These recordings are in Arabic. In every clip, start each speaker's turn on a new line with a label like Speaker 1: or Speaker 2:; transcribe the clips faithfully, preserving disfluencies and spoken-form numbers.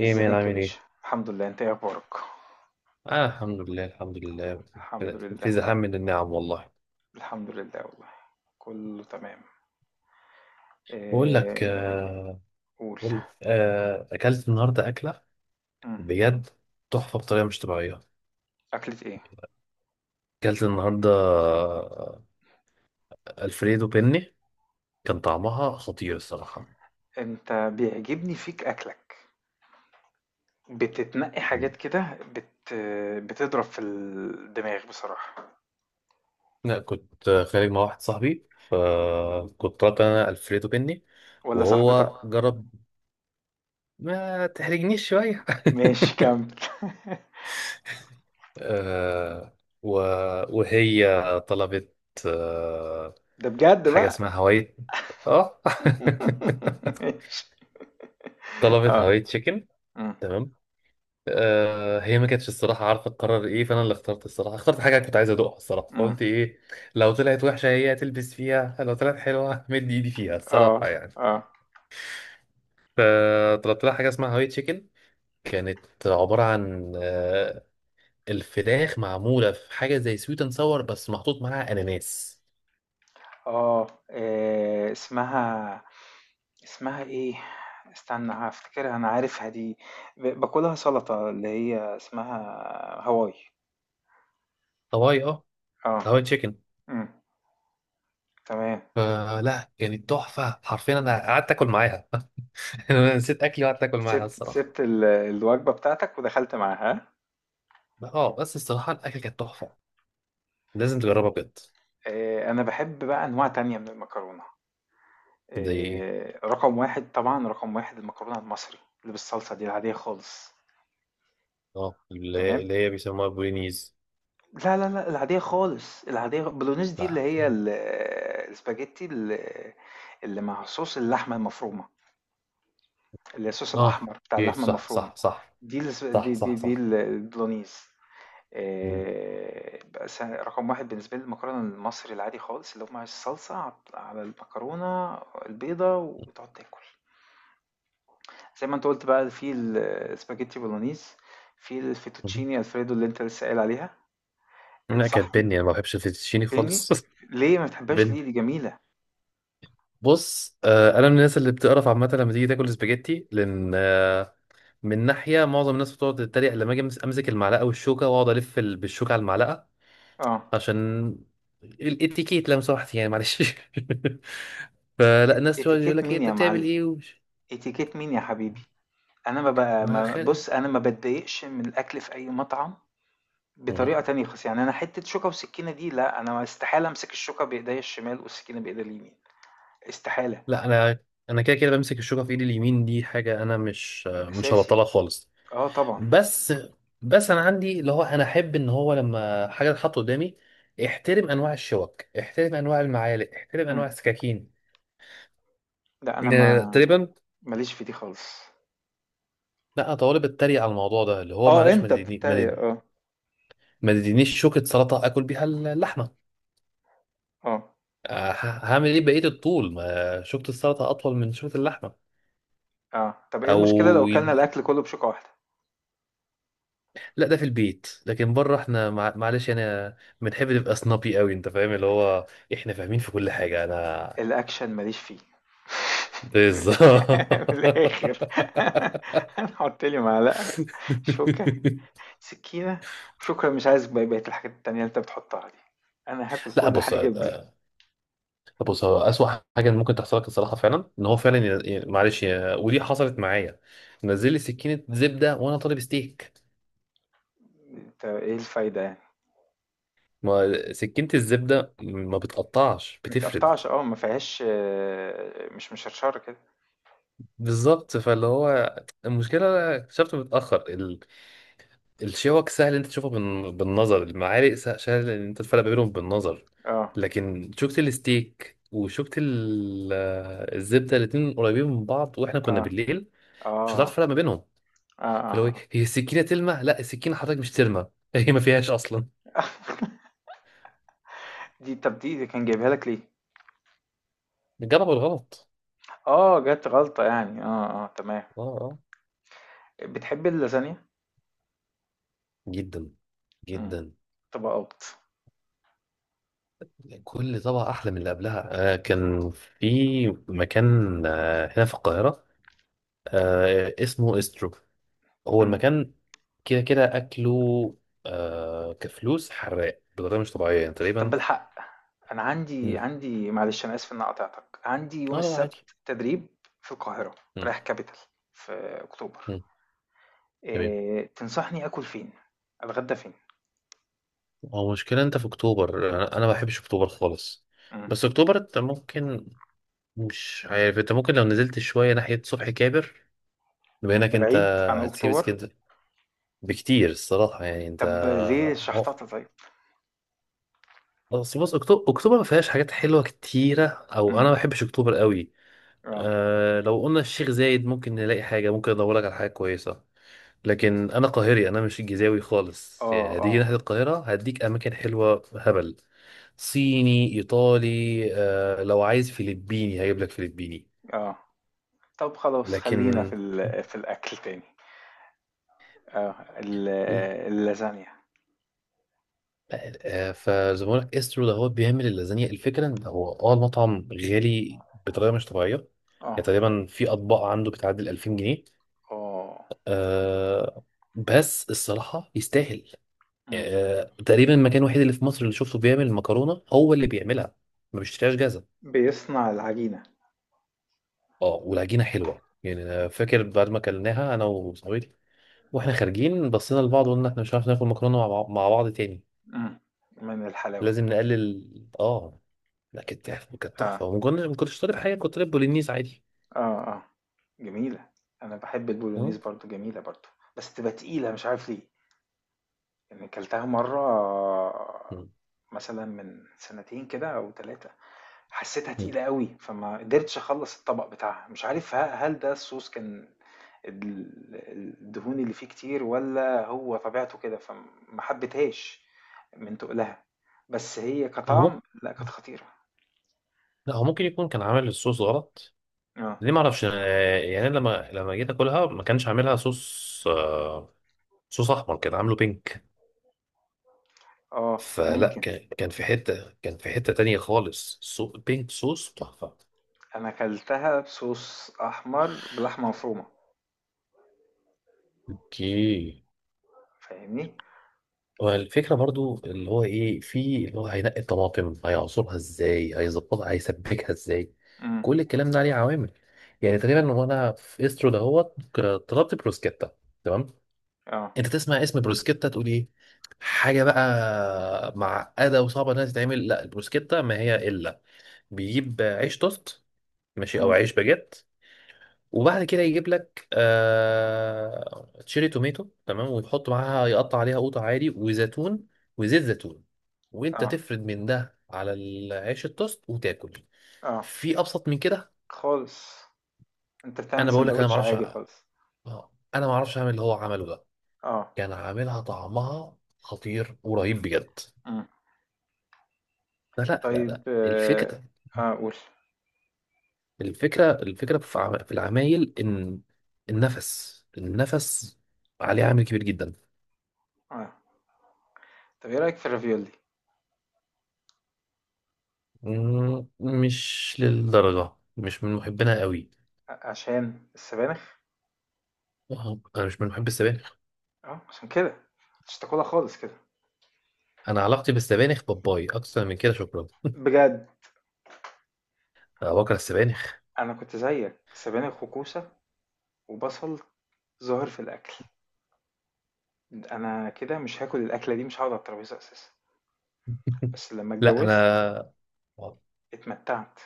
Speaker 1: ايه مين
Speaker 2: ازيك يا
Speaker 1: عامل
Speaker 2: باشا،
Speaker 1: ايه؟
Speaker 2: الحمد لله. انت ايه اخبارك؟
Speaker 1: آه، الحمد لله الحمد لله.
Speaker 2: الحمد لله.
Speaker 1: في زحام من النعم والله.
Speaker 2: الحمد لله والله. كله تمام.
Speaker 1: بقول لك
Speaker 2: إيه...
Speaker 1: آه.
Speaker 2: قول.
Speaker 1: بقول آه اكلت النهارده اكله
Speaker 2: مم.
Speaker 1: بجد تحفه بطريقه مش طبيعيه.
Speaker 2: اكلة ايه؟
Speaker 1: اكلت النهارده آه، الفريدو بيني. كان طعمها خطير الصراحه.
Speaker 2: انت بيعجبني فيك اكلك. بتتنقي
Speaker 1: مم.
Speaker 2: حاجات كده بت... بتضرب في الدماغ بصراحة.
Speaker 1: لا كنت خارج مع واحد صاحبي فكنت طلبت انا الفريدو بيني
Speaker 2: ولا صاحبتك
Speaker 1: وهو
Speaker 2: هو-
Speaker 1: جرب. ما تحرجنيش شويه
Speaker 2: ماشي، كمل.
Speaker 1: آه، و- وهي طلبت. آه،
Speaker 2: ده بجد
Speaker 1: حاجة
Speaker 2: بقى.
Speaker 1: اسمها هواي. اه
Speaker 2: ماشي.
Speaker 1: طلبت
Speaker 2: اه.
Speaker 1: هواي تشيكن.
Speaker 2: مم.
Speaker 1: تمام. آه هي ما كانتش الصراحة عارفة تقرر ايه، فانا اللي اخترت الصراحة، اخترت حاجة كنت عايز ادوقها الصراحة،
Speaker 2: مم.
Speaker 1: فقلت ايه لو طلعت وحشة هي تلبس فيها، لو طلعت حلوة مد ايدي فيها
Speaker 2: اه،
Speaker 1: الصراحة يعني.
Speaker 2: اه،
Speaker 1: فطلبت لها حاجة اسمها هواي تشيكن. كانت عبارة عن آه الفراخ معمولة في حاجة زي سويت اند ساور بس محطوط معاها اناناس.
Speaker 2: اه. إيه... اسمها اسمها إيه؟ استنى هافتكرها، أنا عارفها دي. ب باكلها سلطة اللي هي اسمها هواي.
Speaker 1: هواي اه.
Speaker 2: آه،
Speaker 1: هواي تشيكن.
Speaker 2: إمم، تمام.
Speaker 1: فلا يعني تحفه حرفيا، انا قعدت اكل معاها انا نسيت اكلي وقعدت اكل معاها
Speaker 2: سِبت
Speaker 1: الصراحه.
Speaker 2: سِبت ال الوجبة بتاعتك ودخلت معاها، ها؟
Speaker 1: اه بس الصراحه الاكل كانت تحفه، لازم تجربها بجد.
Speaker 2: آآ أنا باحب بقى أنواع تانية من المكرونة،
Speaker 1: دي
Speaker 2: آآ رقم واحد طبعًا، رقم واحد المكرونة المصري اللي بالصلصة دي العادية خالص،
Speaker 1: اه اللي هي
Speaker 2: تمام؟
Speaker 1: اللي هي بيسموها بولينيز.
Speaker 2: لا، لا، لا، العادية خالص، العادية البولونيز دي اللي
Speaker 1: لا
Speaker 2: هي ال الspaghetti، ال اللي مع صوص اللحمة المفرومة. الصوص
Speaker 1: اه
Speaker 2: الأحمر بتاع
Speaker 1: كيف.
Speaker 2: اللحمة
Speaker 1: صح
Speaker 2: المفرومة
Speaker 1: صح صح.
Speaker 2: دي. الس-
Speaker 1: صح
Speaker 2: دي
Speaker 1: صح
Speaker 2: دي, دي
Speaker 1: صح.
Speaker 2: ال- البولونيز.
Speaker 1: مم.
Speaker 2: آه، بقى س- رقم واحد بالنسبة لي المكرونة المصري العادي خالص اللي هو مع الصلصة ع- على المكرونة البيضة، وتقعد تاكل زي ما انت قلت بقى في السباجيتي بولونيز، في
Speaker 1: مم.
Speaker 2: الفيتوتشيني الفريدو اللي انت لسه قايل عليها.
Speaker 1: لا
Speaker 2: صح،
Speaker 1: كانت بني، انا ما بحبش الفيتوتشيني
Speaker 2: بني.
Speaker 1: خالص
Speaker 2: ليه ما بتحبهاش
Speaker 1: بني.
Speaker 2: ليه؟ دي جميلة.
Speaker 1: بص آه انا من الناس اللي بتقرف عامه لما تيجي تاكل سباجيتي، لان آه، من ناحيه معظم الناس بتقعد تتريق لما اجي أمس- امسك المعلقه والشوكه واقعد الف ال- بالشوكه على المعلقه
Speaker 2: اه.
Speaker 1: عشان الاتيكيت، لو سمحت يعني، معلش
Speaker 2: إ-
Speaker 1: فلا الناس تقعد يقول
Speaker 2: اتيكيت
Speaker 1: لك ايه
Speaker 2: مين
Speaker 1: انت
Speaker 2: يا
Speaker 1: بتعمل
Speaker 2: معلم؟
Speaker 1: ايه ومش-
Speaker 2: اتيكيت مين يا حبيبي؟ انا ما بقى
Speaker 1: ما
Speaker 2: ما
Speaker 1: خالق.
Speaker 2: بص، انا ما بتضايقش من الاكل في اي مطعم بطريقة
Speaker 1: مهم.
Speaker 2: تانية خالص. يعني أنا حتة شوكة وسكينة دي لأ، أنا استحالة أمسك الشوكة بإيديا الشمال والسكينة بإيديا اليمين، استحالة.
Speaker 1: لا انا انا كده كده بمسك الشوكه في ايدي اليمين، دي حاجه انا مش مش
Speaker 2: أساسي،
Speaker 1: هبطلها خالص.
Speaker 2: آه طبعًا.
Speaker 1: بس بس انا عندي اللي هو انا احب ان هو لما حاجه تتحط قدامي احترم انواع الشوك، احترم انواع المعالق، احترم
Speaker 2: إمم،
Speaker 1: انواع السكاكين،
Speaker 2: لأ أنا
Speaker 1: يعني
Speaker 2: ما
Speaker 1: تقريبا.
Speaker 2: ماليش في دي خالص.
Speaker 1: لا طالب اتريق على الموضوع ده اللي هو
Speaker 2: آه،
Speaker 1: معلش، ما
Speaker 2: أنت
Speaker 1: تديني ما
Speaker 2: بتتريق،
Speaker 1: تديني-
Speaker 2: آه،
Speaker 1: ما تدينيش شوكة سلطة اكل بيها اللحمة.
Speaker 2: آه،
Speaker 1: آه، ه- هعمل ايه بقية الطول ما شوكة السلطة اطول من شوكة اللحمة؟
Speaker 2: آه. طب إيه
Speaker 1: او
Speaker 2: المشكلة لو أكلنا
Speaker 1: يد...
Speaker 2: الأكل كله بشوكة واحدة؟
Speaker 1: لا ده في البيت، لكن بره احنا مع... معلش، انا بنحب نبقى سنابي قوي، انت فاهم اللي هو احنا فاهمين في كل حاجة انا.
Speaker 2: الأكشن ماليش فيه. من
Speaker 1: بالظبط
Speaker 2: الآ من الآخر. حُط لي معلقة، شوكة، سكينة، وشكرًا. مش عايز ب بقية الحاجات التانية اللي أنت بتحطها دي، أنا هاكل
Speaker 1: لا
Speaker 2: كل
Speaker 1: بص.
Speaker 2: حاجة بدي.
Speaker 1: طب بص، هو أسوأ حاجة ممكن تحصل لك الصراحة فعلا إن هو فعلا ي- ي- معلش ي- ودي حصلت معايا. نزل لي سكينة زبدة وأنا طالب ستيك.
Speaker 2: أنت إيه الفايدة يعني؟
Speaker 1: ما سكينة الزبدة ما بتقطعش،
Speaker 2: ما
Speaker 1: بتفرد.
Speaker 2: بتقطّعش، آه، ما فيهاش، آه، مش مشرشرة كده،
Speaker 1: بالظبط، فاللي هو المشكلة اكتشفت متأخر ال... الشوك سهل إن أنت تشوفها بال... بالنظر، المعالق سه- سهل إن أنت تفرق ما بينهم بالنظر.
Speaker 2: آه،
Speaker 1: لكن شوكة الستيك وشوكة ال- الزبدة الاتنين قريبين من بعض، وإحنا كنا
Speaker 2: آه،
Speaker 1: بالليل، مش هتعرف
Speaker 2: آه،
Speaker 1: تفرق ما بينهم.
Speaker 2: آه،
Speaker 1: فاللي هو
Speaker 2: آه،
Speaker 1: إيه،
Speaker 2: آه.
Speaker 1: هي السكينه تلمع، لا السكينه حضرتك مش ترمى هي ما فيهاش اصلا.
Speaker 2: دي، طَب دي دي كان جايبها لك ليه؟
Speaker 1: جربوا الغلط.
Speaker 2: آه، جات غلطة يعني، آه، آه، تمام.
Speaker 1: اه اه.
Speaker 2: بتحب اللازانيا؟
Speaker 1: جدا،
Speaker 2: إمم،
Speaker 1: جدا.
Speaker 2: طبقات،
Speaker 1: كل طبعة أحلى من اللي قبلها. آه كان في مكان، آه هنا في القاهرة، آه، اسمه استرو. هو
Speaker 2: إمم.
Speaker 1: المكان كده كده أكله. آه كفلوس حراق بطريقة مش طبيعية يعني
Speaker 2: طَب
Speaker 1: تقريبا.
Speaker 2: بالحق، أنا عندي
Speaker 1: مم.
Speaker 2: عندي معلش أنا آسف إن أنا قاطعتك، عندي يوم
Speaker 1: اه لا عادي.
Speaker 2: السبت تدريب في القاهرة،
Speaker 1: مم.
Speaker 2: رايح capital في أكتوبر.
Speaker 1: مم. تمام.
Speaker 2: آآ، تنصحني آكل فين؟ أتغدى فين؟
Speaker 1: هو مشكلة أنت في أكتوبر، أنا أنا ما بحبش أكتوبر خالص.
Speaker 2: إمم.
Speaker 1: بس أكتوبر أنت ممكن، مش عارف انت ممكن لو نزلت شوية ناحية صبحي كابر بما انك
Speaker 2: ده
Speaker 1: انت
Speaker 2: بعيد عن
Speaker 1: هتسيب
Speaker 2: أكتوبر؟
Speaker 1: اسكندر بكتير الصراحة يعني انت.
Speaker 2: طب ليه
Speaker 1: اه
Speaker 2: الشحطاطة طيب؟
Speaker 1: بس بص، اكتوبر اكتوبر ما فيهاش حاجات حلوة كتيرة، او انا
Speaker 2: إمم.
Speaker 1: ما بحبش اكتوبر قوي.
Speaker 2: آه.
Speaker 1: أه لو قلنا الشيخ زايد ممكن نلاقي حاجة، ممكن ادورلك على حاجة كويسة. لكن انا قاهري، انا مش الجيزاوي خالص،
Speaker 2: آه،
Speaker 1: يعني هتيجي
Speaker 2: آه،
Speaker 1: ناحية القاهرة هديك اماكن حلوة هبل. صيني، ايطالي. أه لو عايز فلبيني هجيب لك فلبيني.
Speaker 2: آه. طب خلاص خلّينا في
Speaker 1: لكن
Speaker 2: ال في الأكل تاني. آه. ال اللازانيا.
Speaker 1: آه، فزبونك استرو ده هو بيعمل اللازانيا. الفكره ان هو اه المطعم غالي بطريقه مش طبيعيه،
Speaker 2: آه.
Speaker 1: يعني تقريبا في اطباق عنده بتعدي ال ألفين جنيه.
Speaker 2: آه.
Speaker 1: آه، بس الصراحه يستاهل.
Speaker 2: إمم.
Speaker 1: آه تقريبا المكان الوحيد اللي في مصر اللي شفته بيعمل المكرونه، هو اللي بيعملها، ما بيشتريهاش جاهزه.
Speaker 2: بيصنع العجينة.
Speaker 1: اه والعجينه حلوه يعني، أنا فاكر بعد ما اكلناها انا وصاحبتي واحنا خارجين بصينا لبعض وقلنا احنا مش عارف ناكل مكرونه مع مع بعض تاني،
Speaker 2: إمم. من الحلاوة.
Speaker 1: لازم نقلل اه. لا كانت تحفة كانت
Speaker 2: آه.
Speaker 1: تحفة، وما كنتش ما كنتش طالب حاجة، كنت طالب بولينيز عادي.
Speaker 2: آه، آه. جميلة. أنا باحب البولونيز
Speaker 1: مم.
Speaker 2: برضه، جميلة برضه، بس تبقى تقيلة مش عارف ليه. يعني كلتها مرّة
Speaker 1: مم.
Speaker 2: مثلًا من سنتين كده أو ثلاثة. حسيتها
Speaker 1: مم.
Speaker 2: تقيلة أوي، فما قدرتش أخلّص الطبق بتاعها، مش عارف ه هل ده الSauce كان ال الدهون اللي فيه كتير والّا هو طبيعته كده، فما حبيتهاش من تُقلها. بس هي
Speaker 1: هو ممكن،
Speaker 2: كطعم لأ، كانت خطيرة.
Speaker 1: لا هو ممكن يكون كان عامل الصوص غلط.
Speaker 2: آه،
Speaker 1: ليه ما اعرفش، آه، يعني أنا لما لما جيت اكلها ما كانش عاملها صوص آه، صوص احمر كان عامله بينك.
Speaker 2: آه،
Speaker 1: فلا
Speaker 2: ممكن.
Speaker 1: كان كان في حتة، كان في حتة تانية خالص، سو بينك، صوص تحفة.
Speaker 2: أنا كلتها بSauce أحمر بلحمة مفرومة،
Speaker 1: اوكي.
Speaker 2: فاهمني؟
Speaker 1: والفكرة برضو اللي هو ايه في اللي هو هينقي الطماطم، هيعصرها ازاي، هيظبطها، هيسبكها ازاي،
Speaker 2: إمم،
Speaker 1: كل الكلام ده عليه عوامل. يعني تقريبا وانا في استرو دهوت ك- طلبت بروسكيتا. تمام.
Speaker 2: آه،
Speaker 1: انت تسمع اسم بروسكيتا تقول ايه، حاجه بقى معقده وصعبه انها تتعمل. لا البروسكيتا ما هي الا، بيجيب عيش توست، ماشي، او
Speaker 2: إمم،
Speaker 1: عيش باجيت، وبعد كده يجيب لك آه... تشيري توميتو، تمام، ويحط معاها يقطع عليها قوطه عادي وزيتون وزيت زيتون، وانت
Speaker 2: آه،
Speaker 1: تفرد من ده على العيش التوست وتاكل.
Speaker 2: آه،
Speaker 1: في ابسط من كده؟
Speaker 2: خالص. أنت بتعمل
Speaker 1: انا بقول لك انا ما
Speaker 2: ساندوتش
Speaker 1: اعرفش،
Speaker 2: عادي خالص.
Speaker 1: انا ما اعرفش اعمل اللي هو عمله ده.
Speaker 2: آه،
Speaker 1: كان عاملها طعمها خطير ورهيب بجد.
Speaker 2: إمم.
Speaker 1: لا لا لا
Speaker 2: طيب،
Speaker 1: لا،
Speaker 2: آه، قُل.
Speaker 1: الفكرة
Speaker 2: آه. قول.
Speaker 1: الفكرة الفكرة في عم- في العمايل إن النفس، النفس عليه عامل كبير جدا.
Speaker 2: آه. طب ايه رأيك في الرافيولي؟
Speaker 1: مم، مش للدرجة، مش من محبينها قوي.
Speaker 2: ع- عشان السبانخ؟
Speaker 1: آه، أنا مش من محب السبانخ.
Speaker 2: اه عشان كده مش تاكلها خالص كده؟
Speaker 1: أنا علاقتي بالسبانخ باباي أكتر من كده، شكرا.
Speaker 2: بجد؟
Speaker 1: أنا بكره السبانخ
Speaker 2: انا كنت زيك، سبانخ وكوسة وبصل ظاهر في الاكل، انا كده مش هاكل الاكلة دي، مش هقعد على الترابيزة اساسا. بس لما
Speaker 1: لا
Speaker 2: اتجوزت،
Speaker 1: أنا،
Speaker 2: اتمتعت.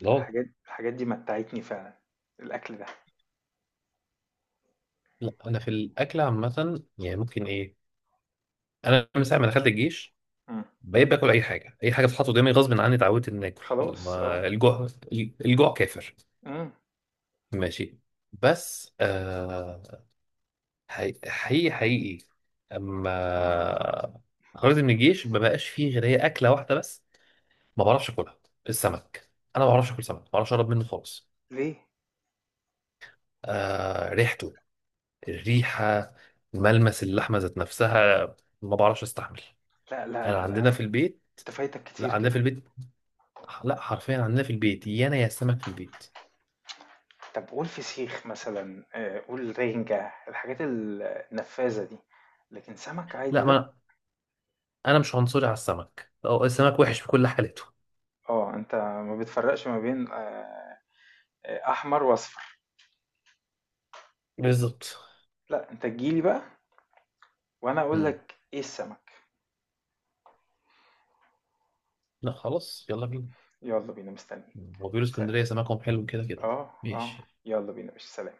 Speaker 1: لا.
Speaker 2: الحاجات الحاجات دي متعتني فعلا، الاكل ده.
Speaker 1: لا أنا في الأكل عامة يعني ممكن إيه، أنا من ساعة ما دخلت الجيش
Speaker 2: مم.
Speaker 1: بقيت باكل اي حاجه، اي حاجه بتتحط قدامي غصب عني اتعودت ان اكل.
Speaker 2: خلاص، اه.
Speaker 1: ما الجوع، الجوع كافر.
Speaker 2: مم.
Speaker 1: ماشي. بس آه، حقيقي حقيقي حقيقي. اما خرجت من الجيش ما بقاش فيه غير هي اكله واحده بس، ما بعرفش اكلها، السمك. انا ما بعرفش اكل سمك، ما بعرفش اقرب منه خالص.
Speaker 2: ليه؟
Speaker 1: آه ريحته، الريحه، ملمس اللحمه ذات نفسها، ما بعرفش استحمل.
Speaker 2: لا، لا،
Speaker 1: انا
Speaker 2: لا، لا،
Speaker 1: عندنا في
Speaker 2: انت
Speaker 1: البيت،
Speaker 2: فايتك
Speaker 1: لا
Speaker 2: كتير
Speaker 1: عندنا
Speaker 2: كده.
Speaker 1: في البيت، لا حرفيا عندنا في البيت يا انا يا السمك في البيت.
Speaker 2: طب قول فسيخ مثلًا، آآ، قول رنجة، الحاجات ال النفاذة دي، لكن سمك عادي
Speaker 1: لا ما
Speaker 2: لأ.
Speaker 1: انا، أنا مش عنصري على السمك، أو السمك وحش في كل حالته.
Speaker 2: آه، أنت ما بتفرّقش ما بين، آآ، أحمر وأصفر.
Speaker 1: بالظبط.
Speaker 2: لأ أنت تيجي لي بقى وأنا أقول
Speaker 1: مم.
Speaker 2: لك إيه السمك.
Speaker 1: لا خلاص يلا بينا.
Speaker 2: يالّا بينا، مستنّيك.
Speaker 1: هو بيقولوا
Speaker 2: سل.
Speaker 1: اسكندرية سمكهم حلو كده كده.
Speaker 2: آه، آه.
Speaker 1: ماشي
Speaker 2: يالّا بينا يا باشا، سلام.